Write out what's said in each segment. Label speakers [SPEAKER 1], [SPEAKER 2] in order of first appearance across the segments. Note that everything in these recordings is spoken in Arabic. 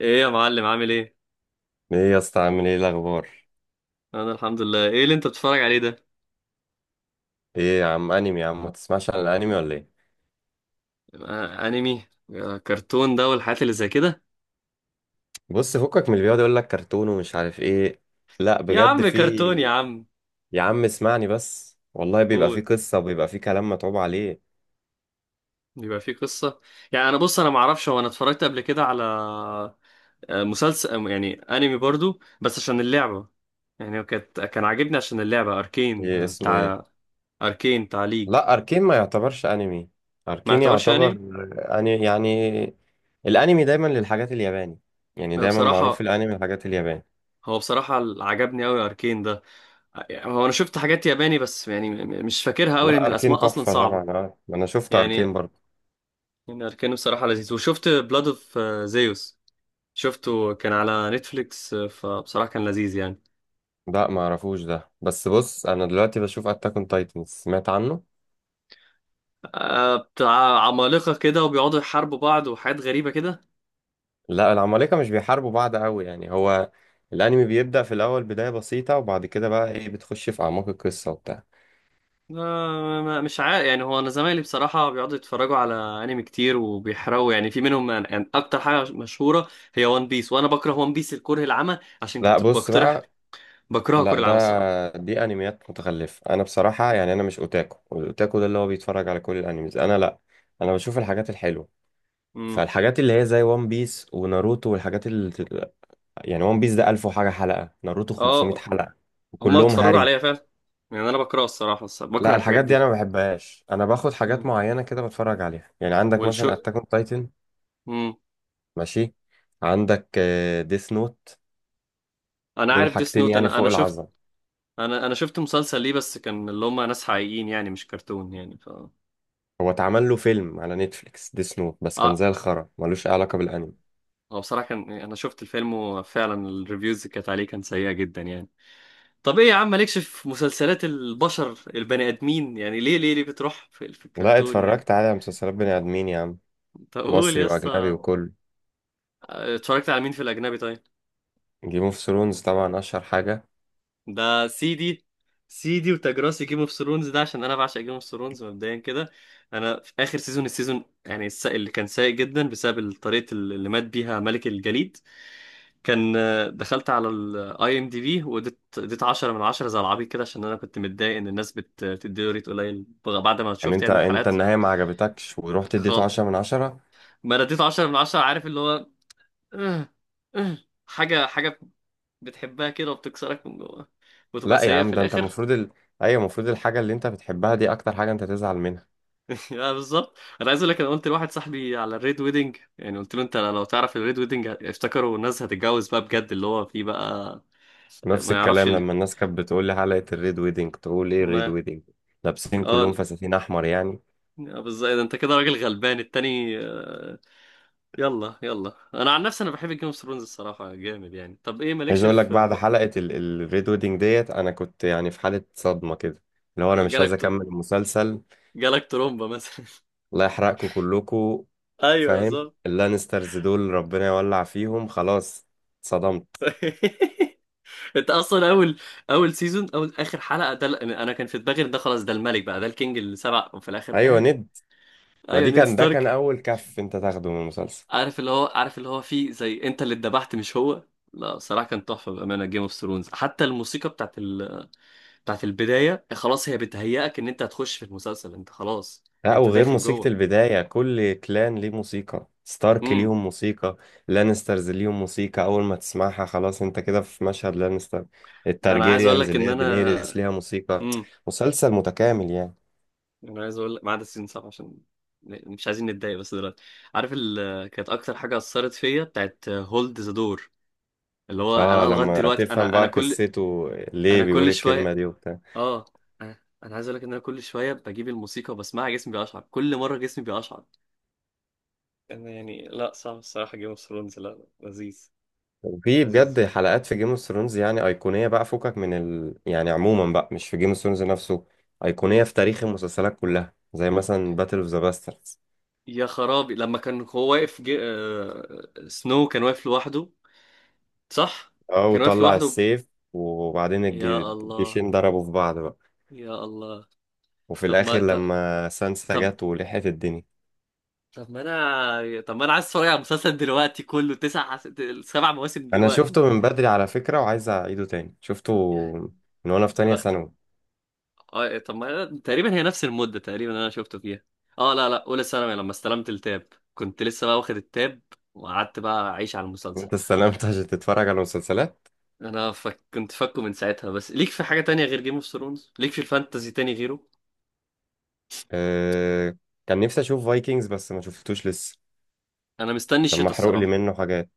[SPEAKER 1] ايه يا معلم، عامل ايه؟
[SPEAKER 2] ايه يا اسطى، عامل ايه الاخبار؟
[SPEAKER 1] انا الحمد لله. ايه اللي انت بتتفرج عليه ده؟
[SPEAKER 2] ايه يا عم، انمي يا عم، ما تسمعش عن الانمي ولا ايه؟
[SPEAKER 1] انمي. كرتون ده والحاجات اللي زي كده.
[SPEAKER 2] بص، فكك من اللي بيقعد يقول لك كرتون ومش عارف ايه. لا
[SPEAKER 1] يا
[SPEAKER 2] بجد
[SPEAKER 1] عم
[SPEAKER 2] في.
[SPEAKER 1] كرتون يا عم.
[SPEAKER 2] يا عم اسمعني بس، والله بيبقى في
[SPEAKER 1] قول.
[SPEAKER 2] قصه وبيبقى في كلام متعوب عليه.
[SPEAKER 1] بيبقى فيه قصة. يعني انا بص، انا ما اعرفش، هو انا اتفرجت قبل كده على مسلسل، يعني انمي برضو بس عشان اللعبة. يعني هو كان عاجبني عشان اللعبة اركين،
[SPEAKER 2] ايه اسمه، ايه؟
[SPEAKER 1] بتاع اركين بتاع ليج.
[SPEAKER 2] لا، اركين ما يعتبرش انمي.
[SPEAKER 1] ما
[SPEAKER 2] اركين
[SPEAKER 1] يعتبرش
[SPEAKER 2] يعتبر
[SPEAKER 1] انمي.
[SPEAKER 2] اني يعني الانمي دايما للحاجات الياباني. يعني دايما معروف
[SPEAKER 1] بصراحة،
[SPEAKER 2] الانمي الحاجات الياباني.
[SPEAKER 1] هو بصراحة اللي عجبني قوي اركين ده. يعني هو انا شفت حاجات ياباني، بس يعني مش فاكرها قوي لان
[SPEAKER 2] لا، اركين
[SPEAKER 1] الاسماء اصلا
[SPEAKER 2] تحفه
[SPEAKER 1] صعبة.
[SPEAKER 2] طبعا، اه انا شفت اركين
[SPEAKER 1] يعني
[SPEAKER 2] برضه.
[SPEAKER 1] اركاني بصراحة لذيذ، وشفت بلاد اوف زيوس. شفته كان على نتفليكس، فبصراحة كان لذيذ يعني.
[SPEAKER 2] لا ما اعرفوش ده، بس بص، انا دلوقتي بشوف اتاك اون تايتنز، سمعت عنه؟
[SPEAKER 1] بتاع عمالقة كده وبيقعدوا يحاربوا بعض وحاجات غريبة كده.
[SPEAKER 2] لا العمالقه مش بيحاربوا بعض قوي، يعني هو الانمي بيبدا في الاول بدايه بسيطه، وبعد كده بقى ايه، بتخش في اعماق القصه وبتاع.
[SPEAKER 1] مش عارف، يعني هو انا زمايلي بصراحة بيقعدوا يتفرجوا على انمي كتير وبيحرقوا، يعني في منهم. يعني اكتر حاجة مشهورة هي وان بيس، وانا بكره وان بيس الكره العمى، عشان
[SPEAKER 2] لا
[SPEAKER 1] كنت
[SPEAKER 2] بص
[SPEAKER 1] بقترح.
[SPEAKER 2] بقى.
[SPEAKER 1] بكرهها كره
[SPEAKER 2] لا
[SPEAKER 1] العمى الصراحة.
[SPEAKER 2] ده دي انميات متخلفه. انا بصراحه يعني انا مش اوتاكو، والاوتاكو ده اللي هو بيتفرج على كل الانميز، انا لا. انا بشوف الحاجات الحلوه،
[SPEAKER 1] امم
[SPEAKER 2] فالحاجات اللي هي زي وان بيس وناروتو، والحاجات اللي يعني وان بيس ده 1000 وحاجه حلقه، ناروتو 500
[SPEAKER 1] اه،
[SPEAKER 2] حلقه،
[SPEAKER 1] هما
[SPEAKER 2] وكلهم
[SPEAKER 1] اتفرجوا
[SPEAKER 2] هري.
[SPEAKER 1] عليا فعلا. يعني انا بكره الصراحة،
[SPEAKER 2] لا،
[SPEAKER 1] بكره الحاجات
[SPEAKER 2] الحاجات دي
[SPEAKER 1] دي.
[SPEAKER 2] انا ما بحبهاش، انا باخد حاجات
[SPEAKER 1] مم.
[SPEAKER 2] معينه كده بتفرج عليها، يعني عندك
[SPEAKER 1] والشو.
[SPEAKER 2] مثلا اتاك اون تايتن.
[SPEAKER 1] امم
[SPEAKER 2] ماشي. عندك ديث نوت.
[SPEAKER 1] انا
[SPEAKER 2] دول
[SPEAKER 1] عارف ديس
[SPEAKER 2] حاجتين
[SPEAKER 1] نوت.
[SPEAKER 2] يعني
[SPEAKER 1] انا
[SPEAKER 2] فوق
[SPEAKER 1] انا شفت.
[SPEAKER 2] العظمه.
[SPEAKER 1] انا شفت مسلسل ليه، بس كان اللي هم ناس حقيقيين يعني، مش كرتون يعني ف.
[SPEAKER 2] هو اتعمل له فيلم على نتفليكس ديث نوت، بس كان
[SPEAKER 1] اه،
[SPEAKER 2] زي الخرا، ملوش اي علاقه بالانمي.
[SPEAKER 1] هو بصراحة كان، انا شفت الفيلم وفعلا الريفيوز اللي كانت عليه كان سيئة جدا يعني. طب ايه يا عم، مالكش في مسلسلات البشر البني ادمين؟ يعني ليه بتروح في
[SPEAKER 2] لا،
[SPEAKER 1] الكرتون يعني؟
[SPEAKER 2] اتفرجت على مسلسلات بني ادمين يا عم،
[SPEAKER 1] طب قول
[SPEAKER 2] مصري
[SPEAKER 1] يا
[SPEAKER 2] واجنبي
[SPEAKER 1] اسطى.
[SPEAKER 2] وكل.
[SPEAKER 1] اتفرجت على مين في الاجنبي طيب؟
[SPEAKER 2] جيم اوف ثرونز طبعا اشهر حاجه.
[SPEAKER 1] ده سيدي وتاج راسي جيم اوف ثرونز ده، عشان انا بعشق جيم اوف ثرونز مبدئيا كده. انا في اخر سيزون، السيزون يعني اللي كان سيء جدا بسبب طريقه اللي مات بيها ملك الجليد. كان دخلت على الاي ام دي بي، اديت 10 من 10 زي العبيط كده، عشان انا كنت متضايق ان الناس بتديله ريت قليل بعد ما
[SPEAKER 2] يعني
[SPEAKER 1] شفت
[SPEAKER 2] انت
[SPEAKER 1] يعني
[SPEAKER 2] انت
[SPEAKER 1] الحلقات.
[SPEAKER 2] النهايه ما عجبتكش ورحت اديته
[SPEAKER 1] خالص.
[SPEAKER 2] 10 من 10؟
[SPEAKER 1] ما انا اديت 10 من 10. عارف اللي هو، آه، آه، حاجه، بتحبها كده وبتكسرك من جوه، وتبقى
[SPEAKER 2] لا يا
[SPEAKER 1] سيئه
[SPEAKER 2] عم،
[SPEAKER 1] في
[SPEAKER 2] ده انت
[SPEAKER 1] الاخر.
[SPEAKER 2] المفروض ال... ايوه، المفروض الحاجه اللي انت بتحبها دي اكتر حاجه انت تزعل منها.
[SPEAKER 1] اه بالظبط. انا عايز اقول لك، انا قلت لواحد صاحبي على الريد ويدنج، يعني قلت له انت لو تعرف الريد ويدنج، افتكروا الناس هتتجوز بقى بجد اللي هو فيه بقى.
[SPEAKER 2] نفس
[SPEAKER 1] ما يعرفش
[SPEAKER 2] الكلام
[SPEAKER 1] اللي
[SPEAKER 2] لما الناس كانت بتقول لي حلقة الريد ويدنج، تقول ايه الريد
[SPEAKER 1] ما
[SPEAKER 2] ويدنج؟ لابسين
[SPEAKER 1] اه.
[SPEAKER 2] كلهم فساتين احمر يعني؟
[SPEAKER 1] اه بالظبط، إيه ده انت كده راجل غلبان التاني يلا يلا، انا عن نفسي انا بحب جيم اوف ثرونز الصراحه، جامد يعني. طب ايه
[SPEAKER 2] عايز
[SPEAKER 1] مالكش في
[SPEAKER 2] اقول لك بعد
[SPEAKER 1] ف-؟
[SPEAKER 2] حلقة الريد ويدنج ديت، انا كنت يعني في حالة صدمة كده، اللي هو انا مش عايز
[SPEAKER 1] جالك
[SPEAKER 2] اكمل المسلسل.
[SPEAKER 1] جالك ترومبا مثلا؟
[SPEAKER 2] الله يحرقكم كلكم.
[SPEAKER 1] ايوه
[SPEAKER 2] فاهم
[SPEAKER 1] بالظبط.
[SPEAKER 2] اللانسترز دول، ربنا يولع فيهم خلاص. صدمت.
[SPEAKER 1] انت اصلا اول سيزون، اول اخر حلقه، ده ال-، انا كان في دماغي ان ده خلاص، ده الملك بقى، ده الكينج السبع، وفي الاخر
[SPEAKER 2] ايوه
[SPEAKER 1] اه.
[SPEAKER 2] ند. ما
[SPEAKER 1] ايوه
[SPEAKER 2] دي
[SPEAKER 1] نيد
[SPEAKER 2] كان ده كان
[SPEAKER 1] ستارك.
[SPEAKER 2] اول كف انت تاخده من المسلسل.
[SPEAKER 1] عارف اللي هو، فيه زي انت اللي اتذبحت مش هو. لا صراحة كان تحفة بأمانة جيم اوف ثرونز، حتى الموسيقى بتاعت ال...، بتاعت البداية، خلاص هي بتهيئك ان انت هتخش في المسلسل، انت خلاص
[SPEAKER 2] لا،
[SPEAKER 1] انت
[SPEAKER 2] وغير
[SPEAKER 1] داخل
[SPEAKER 2] موسيقى
[SPEAKER 1] جوه.
[SPEAKER 2] البداية، كل كلان ليه موسيقى، ستارك
[SPEAKER 1] امم
[SPEAKER 2] ليهم موسيقى، لانسترز ليهم موسيقى، أول ما تسمعها خلاص أنت كده في مشهد لانستر.
[SPEAKER 1] انا عايز اقول
[SPEAKER 2] التارجيريانز
[SPEAKER 1] لك ان
[SPEAKER 2] اللي هي
[SPEAKER 1] انا
[SPEAKER 2] دينيريس ليها موسيقى.
[SPEAKER 1] امم
[SPEAKER 2] مسلسل متكامل يعني.
[SPEAKER 1] انا عايز اقول لك، ما عدا سيزون 7 عشان مش عايزين نتضايق بس دلوقتي. عارف ال...، كانت اكتر حاجة اثرت فيا بتاعت هولد ذا دور، اللي هو انا
[SPEAKER 2] اه،
[SPEAKER 1] لغاية
[SPEAKER 2] لما
[SPEAKER 1] دلوقتي
[SPEAKER 2] تفهم
[SPEAKER 1] انا انا
[SPEAKER 2] بقى
[SPEAKER 1] كل،
[SPEAKER 2] قصته ليه
[SPEAKER 1] انا
[SPEAKER 2] بيقول
[SPEAKER 1] كل
[SPEAKER 2] الكلمة
[SPEAKER 1] شوية
[SPEAKER 2] دي وبتاع.
[SPEAKER 1] اه انا أنا عايز اقول لك ان انا كل شويه بجيب الموسيقى وبسمعها، جسمي بيقشعر، كل مره جسمي بيقشعر. انا يعني لا صعب الصراحه، جيم اوف ثرونز لا لذيذ.
[SPEAKER 2] وفي
[SPEAKER 1] لذيذ.
[SPEAKER 2] بجد حلقات في جيم اوف ثرونز يعني أيقونية بقى، فكك من يعني عموما بقى، مش في جيم اوف ثرونز نفسه، أيقونية
[SPEAKER 1] مم.
[SPEAKER 2] في تاريخ المسلسلات كلها، زي مثلا باتل اوف ذا باسترز.
[SPEAKER 1] يا خرابي لما كان هو واقف سنو كان واقف لوحده. صح.
[SPEAKER 2] اه،
[SPEAKER 1] كان واقف
[SPEAKER 2] وطلع
[SPEAKER 1] لوحده.
[SPEAKER 2] السيف، وبعدين
[SPEAKER 1] يا الله.
[SPEAKER 2] الجيشين ضربوا في بعض بقى.
[SPEAKER 1] يا الله.
[SPEAKER 2] وفي
[SPEAKER 1] طب
[SPEAKER 2] الاخر
[SPEAKER 1] ما ط-
[SPEAKER 2] لما سانسا
[SPEAKER 1] طب
[SPEAKER 2] جت ولحقت الدنيا.
[SPEAKER 1] طب ما انا طب ما انا عايز اتفرج على المسلسل دلوقتي كله، سبع مواسم
[SPEAKER 2] انا
[SPEAKER 1] دلوقتي.
[SPEAKER 2] شفته من بدري على فكرة، وعايز اعيده تاني، شفته
[SPEAKER 1] يعني،
[SPEAKER 2] من وانا في
[SPEAKER 1] يا
[SPEAKER 2] تانية
[SPEAKER 1] بختك.
[SPEAKER 2] ثانوي.
[SPEAKER 1] اه إيه، طب ما تقريبا هي نفس المدة تقريبا اللي انا شفته فيها. اه، لا لا اولى ثانوي لما استلمت التاب، كنت لسه بقى واخد التاب، وقعدت بقى اعيش على المسلسل.
[SPEAKER 2] انت استلمت عشان تتفرج على مسلسلات؟
[SPEAKER 1] انا كنت فاكه من ساعتها، بس ليك في حاجة تانية غير جيم اوف ثرونز؟ ليك في الفانتازي تاني غيره؟
[SPEAKER 2] أه، كان نفسي اشوف فايكنجز بس ما شفتوش لسه،
[SPEAKER 1] انا مستني
[SPEAKER 2] عشان
[SPEAKER 1] الشتا
[SPEAKER 2] محروق لي
[SPEAKER 1] الصراحة.
[SPEAKER 2] منه حاجات.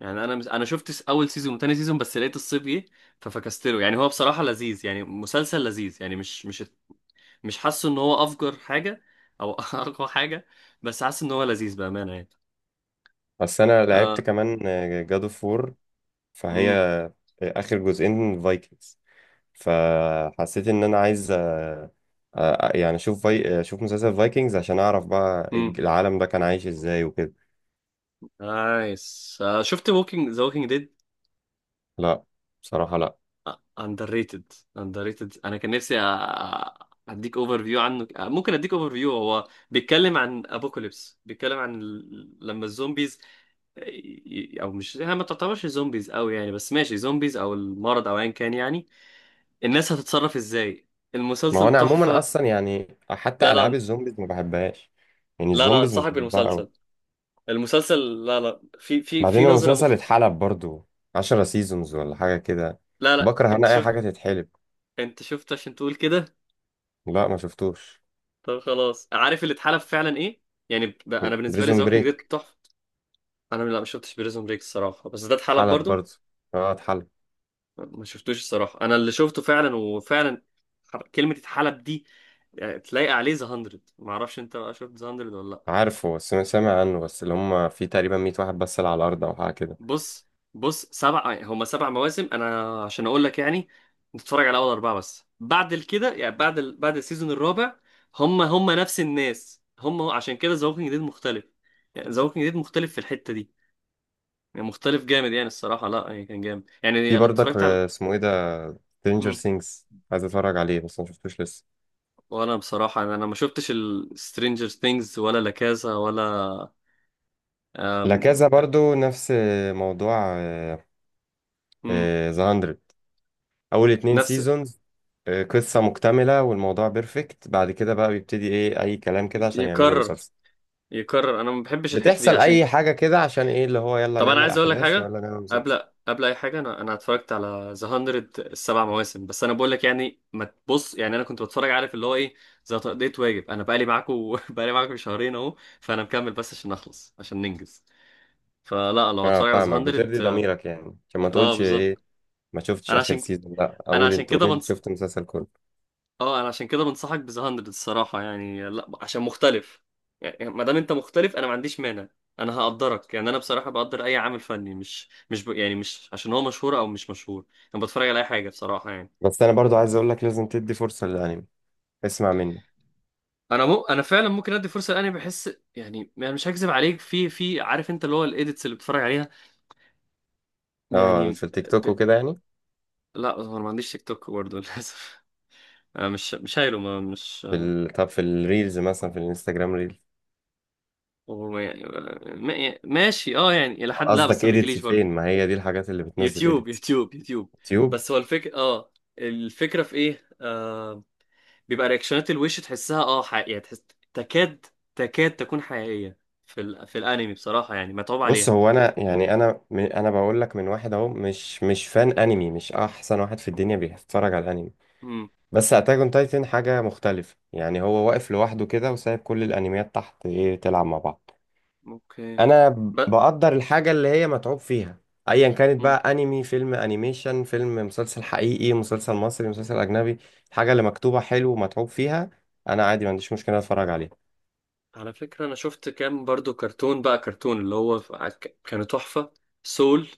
[SPEAKER 1] يعني انا انا شفت اول سيزون وتاني سيزون، بس لقيت الصيف جه ففكستله. يعني هو بصراحة لذيذ يعني، مسلسل لذيذ يعني، مش حاسه ان هو افجر حاجة، او اقوى حاجة، بس حاسس ان هو لذيذ بأمانة يعني.
[SPEAKER 2] بس انا لعبت
[SPEAKER 1] آه...
[SPEAKER 2] كمان جاد اوف وور، فهي اخر جزئين فايكنجز، فحسيت ان انا عايز يعني اشوف اشوف مسلسل فايكنجز عشان اعرف بقى
[SPEAKER 1] امم
[SPEAKER 2] العالم ده كان عايش ازاي وكده.
[SPEAKER 1] نايس. شفت ووكينج ووكينج ديد؟
[SPEAKER 2] لا بصراحة لا.
[SPEAKER 1] اندر ريتد. انا كان نفسي اديك اوفر فيو عنه، ممكن اديك اوفر فيو. هو بيتكلم عن ابوكاليبس، بيتكلم عن ال-، لما الزومبيز او مش هي ما تعتبرش زومبيز قوي يعني، بس ماشي زومبيز او المرض او ايا كان يعني، الناس هتتصرف ازاي.
[SPEAKER 2] ما هو
[SPEAKER 1] المسلسل
[SPEAKER 2] انا عموما
[SPEAKER 1] تحفة.
[SPEAKER 2] اصلا يعني
[SPEAKER 1] لا
[SPEAKER 2] حتى العاب
[SPEAKER 1] لا،
[SPEAKER 2] الزومبيز ما بحبهاش، يعني الزومبيز مش
[SPEAKER 1] انصحك
[SPEAKER 2] بحبها قوي.
[SPEAKER 1] بالمسلسل. المسلسل لا لا، في
[SPEAKER 2] بعدين
[SPEAKER 1] نظرة
[SPEAKER 2] المسلسل
[SPEAKER 1] مخت.
[SPEAKER 2] اتحلب برضو، 10 سيزونز ولا حاجة كده.
[SPEAKER 1] لا لا
[SPEAKER 2] بكره
[SPEAKER 1] انت
[SPEAKER 2] انا اي حاجة
[SPEAKER 1] شفت؟
[SPEAKER 2] تتحلب.
[SPEAKER 1] انت شفت عشان تقول كده؟
[SPEAKER 2] لا ما شفتوش
[SPEAKER 1] طب خلاص، عارف اللي اتحلب فعلا ايه. يعني ب...، انا بالنسبه لي ذا
[SPEAKER 2] بريزون
[SPEAKER 1] ووكينج ديد
[SPEAKER 2] بريك،
[SPEAKER 1] تحفه. انا لا، ما شفتش بريزون بريك الصراحه، بس ده اتحلب
[SPEAKER 2] اتحلب
[SPEAKER 1] برضو.
[SPEAKER 2] برضو؟ اه، اتحلب.
[SPEAKER 1] ما شفتوش الصراحه، انا اللي شفته فعلا، وفعلا كلمه اتحلب دي، يعني تلاقي عليه ذا 100. ما اعرفش انت بقى، شفت ذا 100 ولا لا؟
[SPEAKER 2] عارفه، بس سامع عنه، بس اللي هم في تقريبا 100 واحد بس اللي على الارض او حاجة كده.
[SPEAKER 1] بص. بص، سبع يعني هما سبع مواسم، انا عشان اقول لك يعني نتفرج على اول اربعه بس. بعد كده يعني بعد ال...، بعد السيزون الرابع، هما هما نفس الناس هما، عشان كده ذا ووكينج ديد مختلف. يعني ذا ووكينج ديد مختلف في الحته دي، يعني مختلف جامد يعني الصراحة. لا يعني كان جامد يعني،
[SPEAKER 2] في
[SPEAKER 1] انا
[SPEAKER 2] برضك
[SPEAKER 1] اتفرجت على
[SPEAKER 2] اسمه ايه ده؟ Stranger
[SPEAKER 1] مم.
[SPEAKER 2] Things. عايز اتفرج عليه بس ما شفتوش لسه.
[SPEAKER 1] وانا بصراحة أنا ما شفتش السترينجر ثينجز، ولا لا كازا، ولا
[SPEAKER 2] لا،
[SPEAKER 1] أم...
[SPEAKER 2] كذا برضو نفس موضوع
[SPEAKER 1] مم.
[SPEAKER 2] ذا 100. اول اتنين
[SPEAKER 1] نفس.
[SPEAKER 2] سيزونز قصة مكتملة والموضوع بيرفكت، بعد كده بقى بيبتدي ايه، اي كلام كده عشان يعملوا
[SPEAKER 1] يكرر
[SPEAKER 2] مسلسل.
[SPEAKER 1] يكرر، انا ما بحبش الحتة دي
[SPEAKER 2] بتحصل
[SPEAKER 1] عشان.
[SPEAKER 2] اي حاجة كده عشان ايه، اللي هو يلا
[SPEAKER 1] طب انا
[SPEAKER 2] نعمل
[SPEAKER 1] عايز اقول لك
[SPEAKER 2] احداث
[SPEAKER 1] حاجة،
[SPEAKER 2] ويلا نعمل مسلسل.
[SPEAKER 1] قبل قبل اي حاجة انا اتفرجت على ذا 100 السبع مواسم. بس انا بقول لك يعني، ما تبص يعني، انا كنت بتفرج عارف اللي هو ايه، زي تقضية واجب. انا بقالي معاكم بقالي معاكم شهرين اهو، فانا مكمل بس عشان نخلص، عشان ننجز. فلا لو
[SPEAKER 2] اه
[SPEAKER 1] هتفرج على ذا
[SPEAKER 2] فاهمك،
[SPEAKER 1] 100.
[SPEAKER 2] بترضي ضميرك يعني عشان ما
[SPEAKER 1] اه
[SPEAKER 2] تقولش
[SPEAKER 1] بالظبط.
[SPEAKER 2] ايه ما شفتش
[SPEAKER 1] انا
[SPEAKER 2] اخر
[SPEAKER 1] عشان،
[SPEAKER 2] سيزون، لا
[SPEAKER 1] انا
[SPEAKER 2] اقول
[SPEAKER 1] عشان
[SPEAKER 2] انت، قول
[SPEAKER 1] كده
[SPEAKER 2] انت
[SPEAKER 1] بنص...
[SPEAKER 2] شفت المسلسل كله.
[SPEAKER 1] اه انا عشان كده بنصحك بذا 100 الصراحه، يعني لا عشان مختلف. يعني، يعني ما دام انت مختلف، انا ما عنديش مانع. انا هقدرك يعني، انا بصراحه بقدر اي عامل فني، مش مش ب...، يعني مش عشان هو مشهور او مش مشهور، انا بتفرج على اي حاجه بصراحه يعني.
[SPEAKER 2] بس انا برضو
[SPEAKER 1] ف...،
[SPEAKER 2] عايز اقول لك لازم تدي فرصة للانمي، اسمع مني.
[SPEAKER 1] انا مو...، انا فعلا ممكن ادي فرصه لاني بحس. يعني انا مش هكذب عليك، في في، عارف انت اللي هو الايديتس اللي بتفرج عليها
[SPEAKER 2] اه،
[SPEAKER 1] يعني
[SPEAKER 2] في التيك
[SPEAKER 1] ب...،
[SPEAKER 2] توك وكده يعني.
[SPEAKER 1] لا هو انا ما عنديش تيك توك برضه للاسف. انا مش شايله، ما مش.
[SPEAKER 2] في طب في الريلز مثلا، في الانستجرام ريلز.
[SPEAKER 1] وما-، ما- ماشي، اه يعني الى حد، لا بس
[SPEAKER 2] قصدك
[SPEAKER 1] ما
[SPEAKER 2] ايديتس
[SPEAKER 1] بيجيليش
[SPEAKER 2] فين؟
[SPEAKER 1] برضه.
[SPEAKER 2] ما هي دي الحاجات اللي بتنزل ايديتس.
[SPEAKER 1] يوتيوب يوتيوب.
[SPEAKER 2] يوتيوب.
[SPEAKER 1] بس هو الفكرة اه، الفكرة في ايه آه؟ بيبقى رياكشنات، الوش تحسها اه حقيقية، يعني تحس، تكاد تكاد تكون حقيقية. في ال...، في الانمي بصراحة يعني متعوب
[SPEAKER 2] بص
[SPEAKER 1] عليها.
[SPEAKER 2] هو انا يعني انا انا بقول لك من واحد اهو، مش فان انمي، مش احسن واحد في الدنيا بيتفرج على الانمي،
[SPEAKER 1] امم
[SPEAKER 2] بس اتاك اون تايتن حاجه مختلفه، يعني هو واقف لوحده كده وسايب كل الانميات تحت ايه تلعب مع بعض.
[SPEAKER 1] اوكي.
[SPEAKER 2] انا
[SPEAKER 1] ب...،
[SPEAKER 2] بقدر الحاجه اللي هي متعوب فيها، ايا كانت
[SPEAKER 1] مم.
[SPEAKER 2] بقى انمي، فيلم انيميشن، فيلم، مسلسل حقيقي، مسلسل مصري، مسلسل اجنبي. الحاجه اللي مكتوبه حلو ومتعوب فيها، انا عادي ما عنديش مشكله اتفرج عليها.
[SPEAKER 1] على فكرة انا شفت كام برضو كرتون بقى، كرتون اللي هو كانوا تحفة. سول.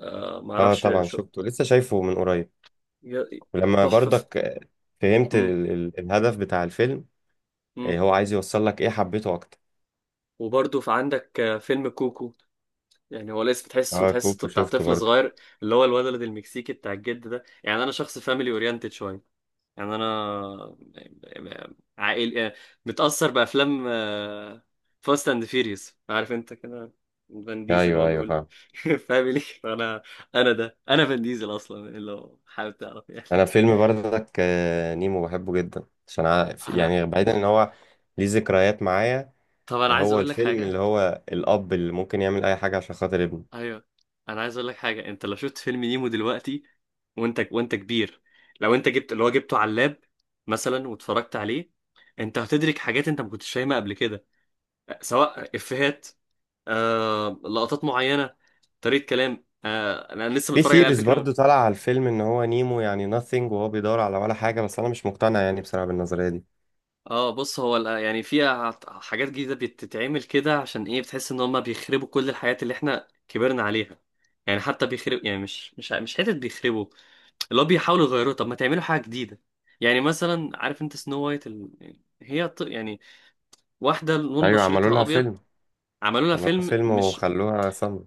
[SPEAKER 2] اه
[SPEAKER 1] معرفش
[SPEAKER 2] طبعا
[SPEAKER 1] شو.
[SPEAKER 2] شفته، لسه شايفه من قريب.
[SPEAKER 1] ي-،
[SPEAKER 2] ولما
[SPEAKER 1] تحفة في....
[SPEAKER 2] برضك فهمت ال الهدف بتاع الفيلم، هو عايز يوصل لك ايه، حبيته اكتر.
[SPEAKER 1] وبرضه في عندك فيلم كوكو. يعني هو الاسم تحسه،
[SPEAKER 2] اه، كوكو
[SPEAKER 1] بتاع
[SPEAKER 2] شفته
[SPEAKER 1] طفل
[SPEAKER 2] برضه.
[SPEAKER 1] صغير، اللي هو الولد المكسيكي بتاع الجد ده. يعني انا شخص فاميلي اورينتد شويه، يعني انا عائل آه، متاثر بافلام فاست اند فيريوس، عارف انت كده. فان ديزل وهو
[SPEAKER 2] ايوه ايوه
[SPEAKER 1] بيقول
[SPEAKER 2] فاهم.
[SPEAKER 1] فاميلي، فانا انا ده، انا فان ديزل اصلا لو حابب تعرف يعني.
[SPEAKER 2] انا فيلم برضك نيمو بحبه جدا، عشان
[SPEAKER 1] انا
[SPEAKER 2] يعني بعيدا ان هو ليه ذكريات معايا.
[SPEAKER 1] طب انا عايز
[SPEAKER 2] هو
[SPEAKER 1] اقول لك
[SPEAKER 2] الفيلم اللي
[SPEAKER 1] حاجه.
[SPEAKER 2] هو الأب اللي ممكن يعمل أي حاجة عشان خاطر ابنه.
[SPEAKER 1] ايوه، انا عايز اقول لك حاجه، انت لو شفت فيلم نيمو دلوقتي، وانت كبير، لو انت جبت اللي هو جبته على اللاب مثلا واتفرجت عليه، انت هتدرك حاجات انت ما كنتش فاهمها قبل كده، سواء افيهات، آه لقطات معينه، طريقه كلام آه. انا لسه
[SPEAKER 2] في
[SPEAKER 1] متفرج عليه على
[SPEAKER 2] سيريز
[SPEAKER 1] فكره من...،
[SPEAKER 2] برضو طالع على الفيلم إن هو نيمو يعني nothing، وهو بيدور على ولا حاجة، بس أنا مش مقتنع يعني بصراحة بالنظرية دي.
[SPEAKER 1] اه. بص هو ال-، يعني في حاجات جديده بتتعمل كده عشان ايه، بتحس ان هم بيخربوا كل الحاجات اللي احنا كبرنا عليها. يعني حتى بيخرب، يعني مش حته، بيخربوا اللي هو بيحاولوا يغيروه. طب ما تعملوا حاجه جديده يعني. مثلا عارف انت سنو وايت ال...، هي ط...، يعني واحدة لون
[SPEAKER 2] أيوة، عملوا
[SPEAKER 1] بشرتها
[SPEAKER 2] لها
[SPEAKER 1] أبيض.
[SPEAKER 2] فيلم.
[SPEAKER 1] عملوا لها
[SPEAKER 2] عملوا لها
[SPEAKER 1] فيلم
[SPEAKER 2] فيلم
[SPEAKER 1] مش.
[SPEAKER 2] وخلوها صم.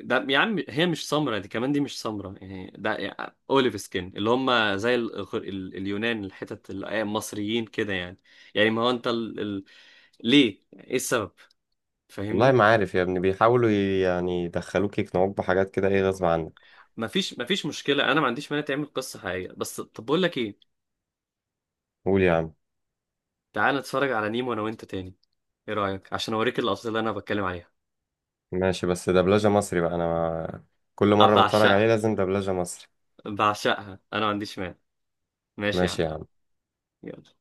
[SPEAKER 1] ده يا عم هي مش سمرة، دي كمان دي مش سمرة. يعني ده يعني أوليف سكين، اللي هم زي ال... اليونان، الحتت ال-، آه المصريين كده يعني. يعني ما هو أنت ال...، ليه إيه السبب؟
[SPEAKER 2] والله
[SPEAKER 1] فاهمني؟
[SPEAKER 2] ما عارف يا ابني، بيحاولوا يعني يدخلوك يقنعوك بحاجات كده إيه غصب عنك.
[SPEAKER 1] مفيش مشكلة. أنا ما عنديش مانع تعمل قصة حقيقية، بس طب بقول لك إيه.
[SPEAKER 2] قول يا عم.
[SPEAKER 1] تعال نتفرج على نيمو أنا وأنت تاني، إيه رأيك؟ عشان أوريك اللقطات اللي أنا بتكلم عليها.
[SPEAKER 2] ماشي، بس دبلجة مصري بقى، أنا كل
[SPEAKER 1] أنا
[SPEAKER 2] مرة بتفرج عليه
[SPEAKER 1] بعشقها.
[SPEAKER 2] لازم دبلجة مصري.
[SPEAKER 1] أنا ما عنديش مانع. ماشي يا عم.
[SPEAKER 2] ماشي يا عم.
[SPEAKER 1] يلا.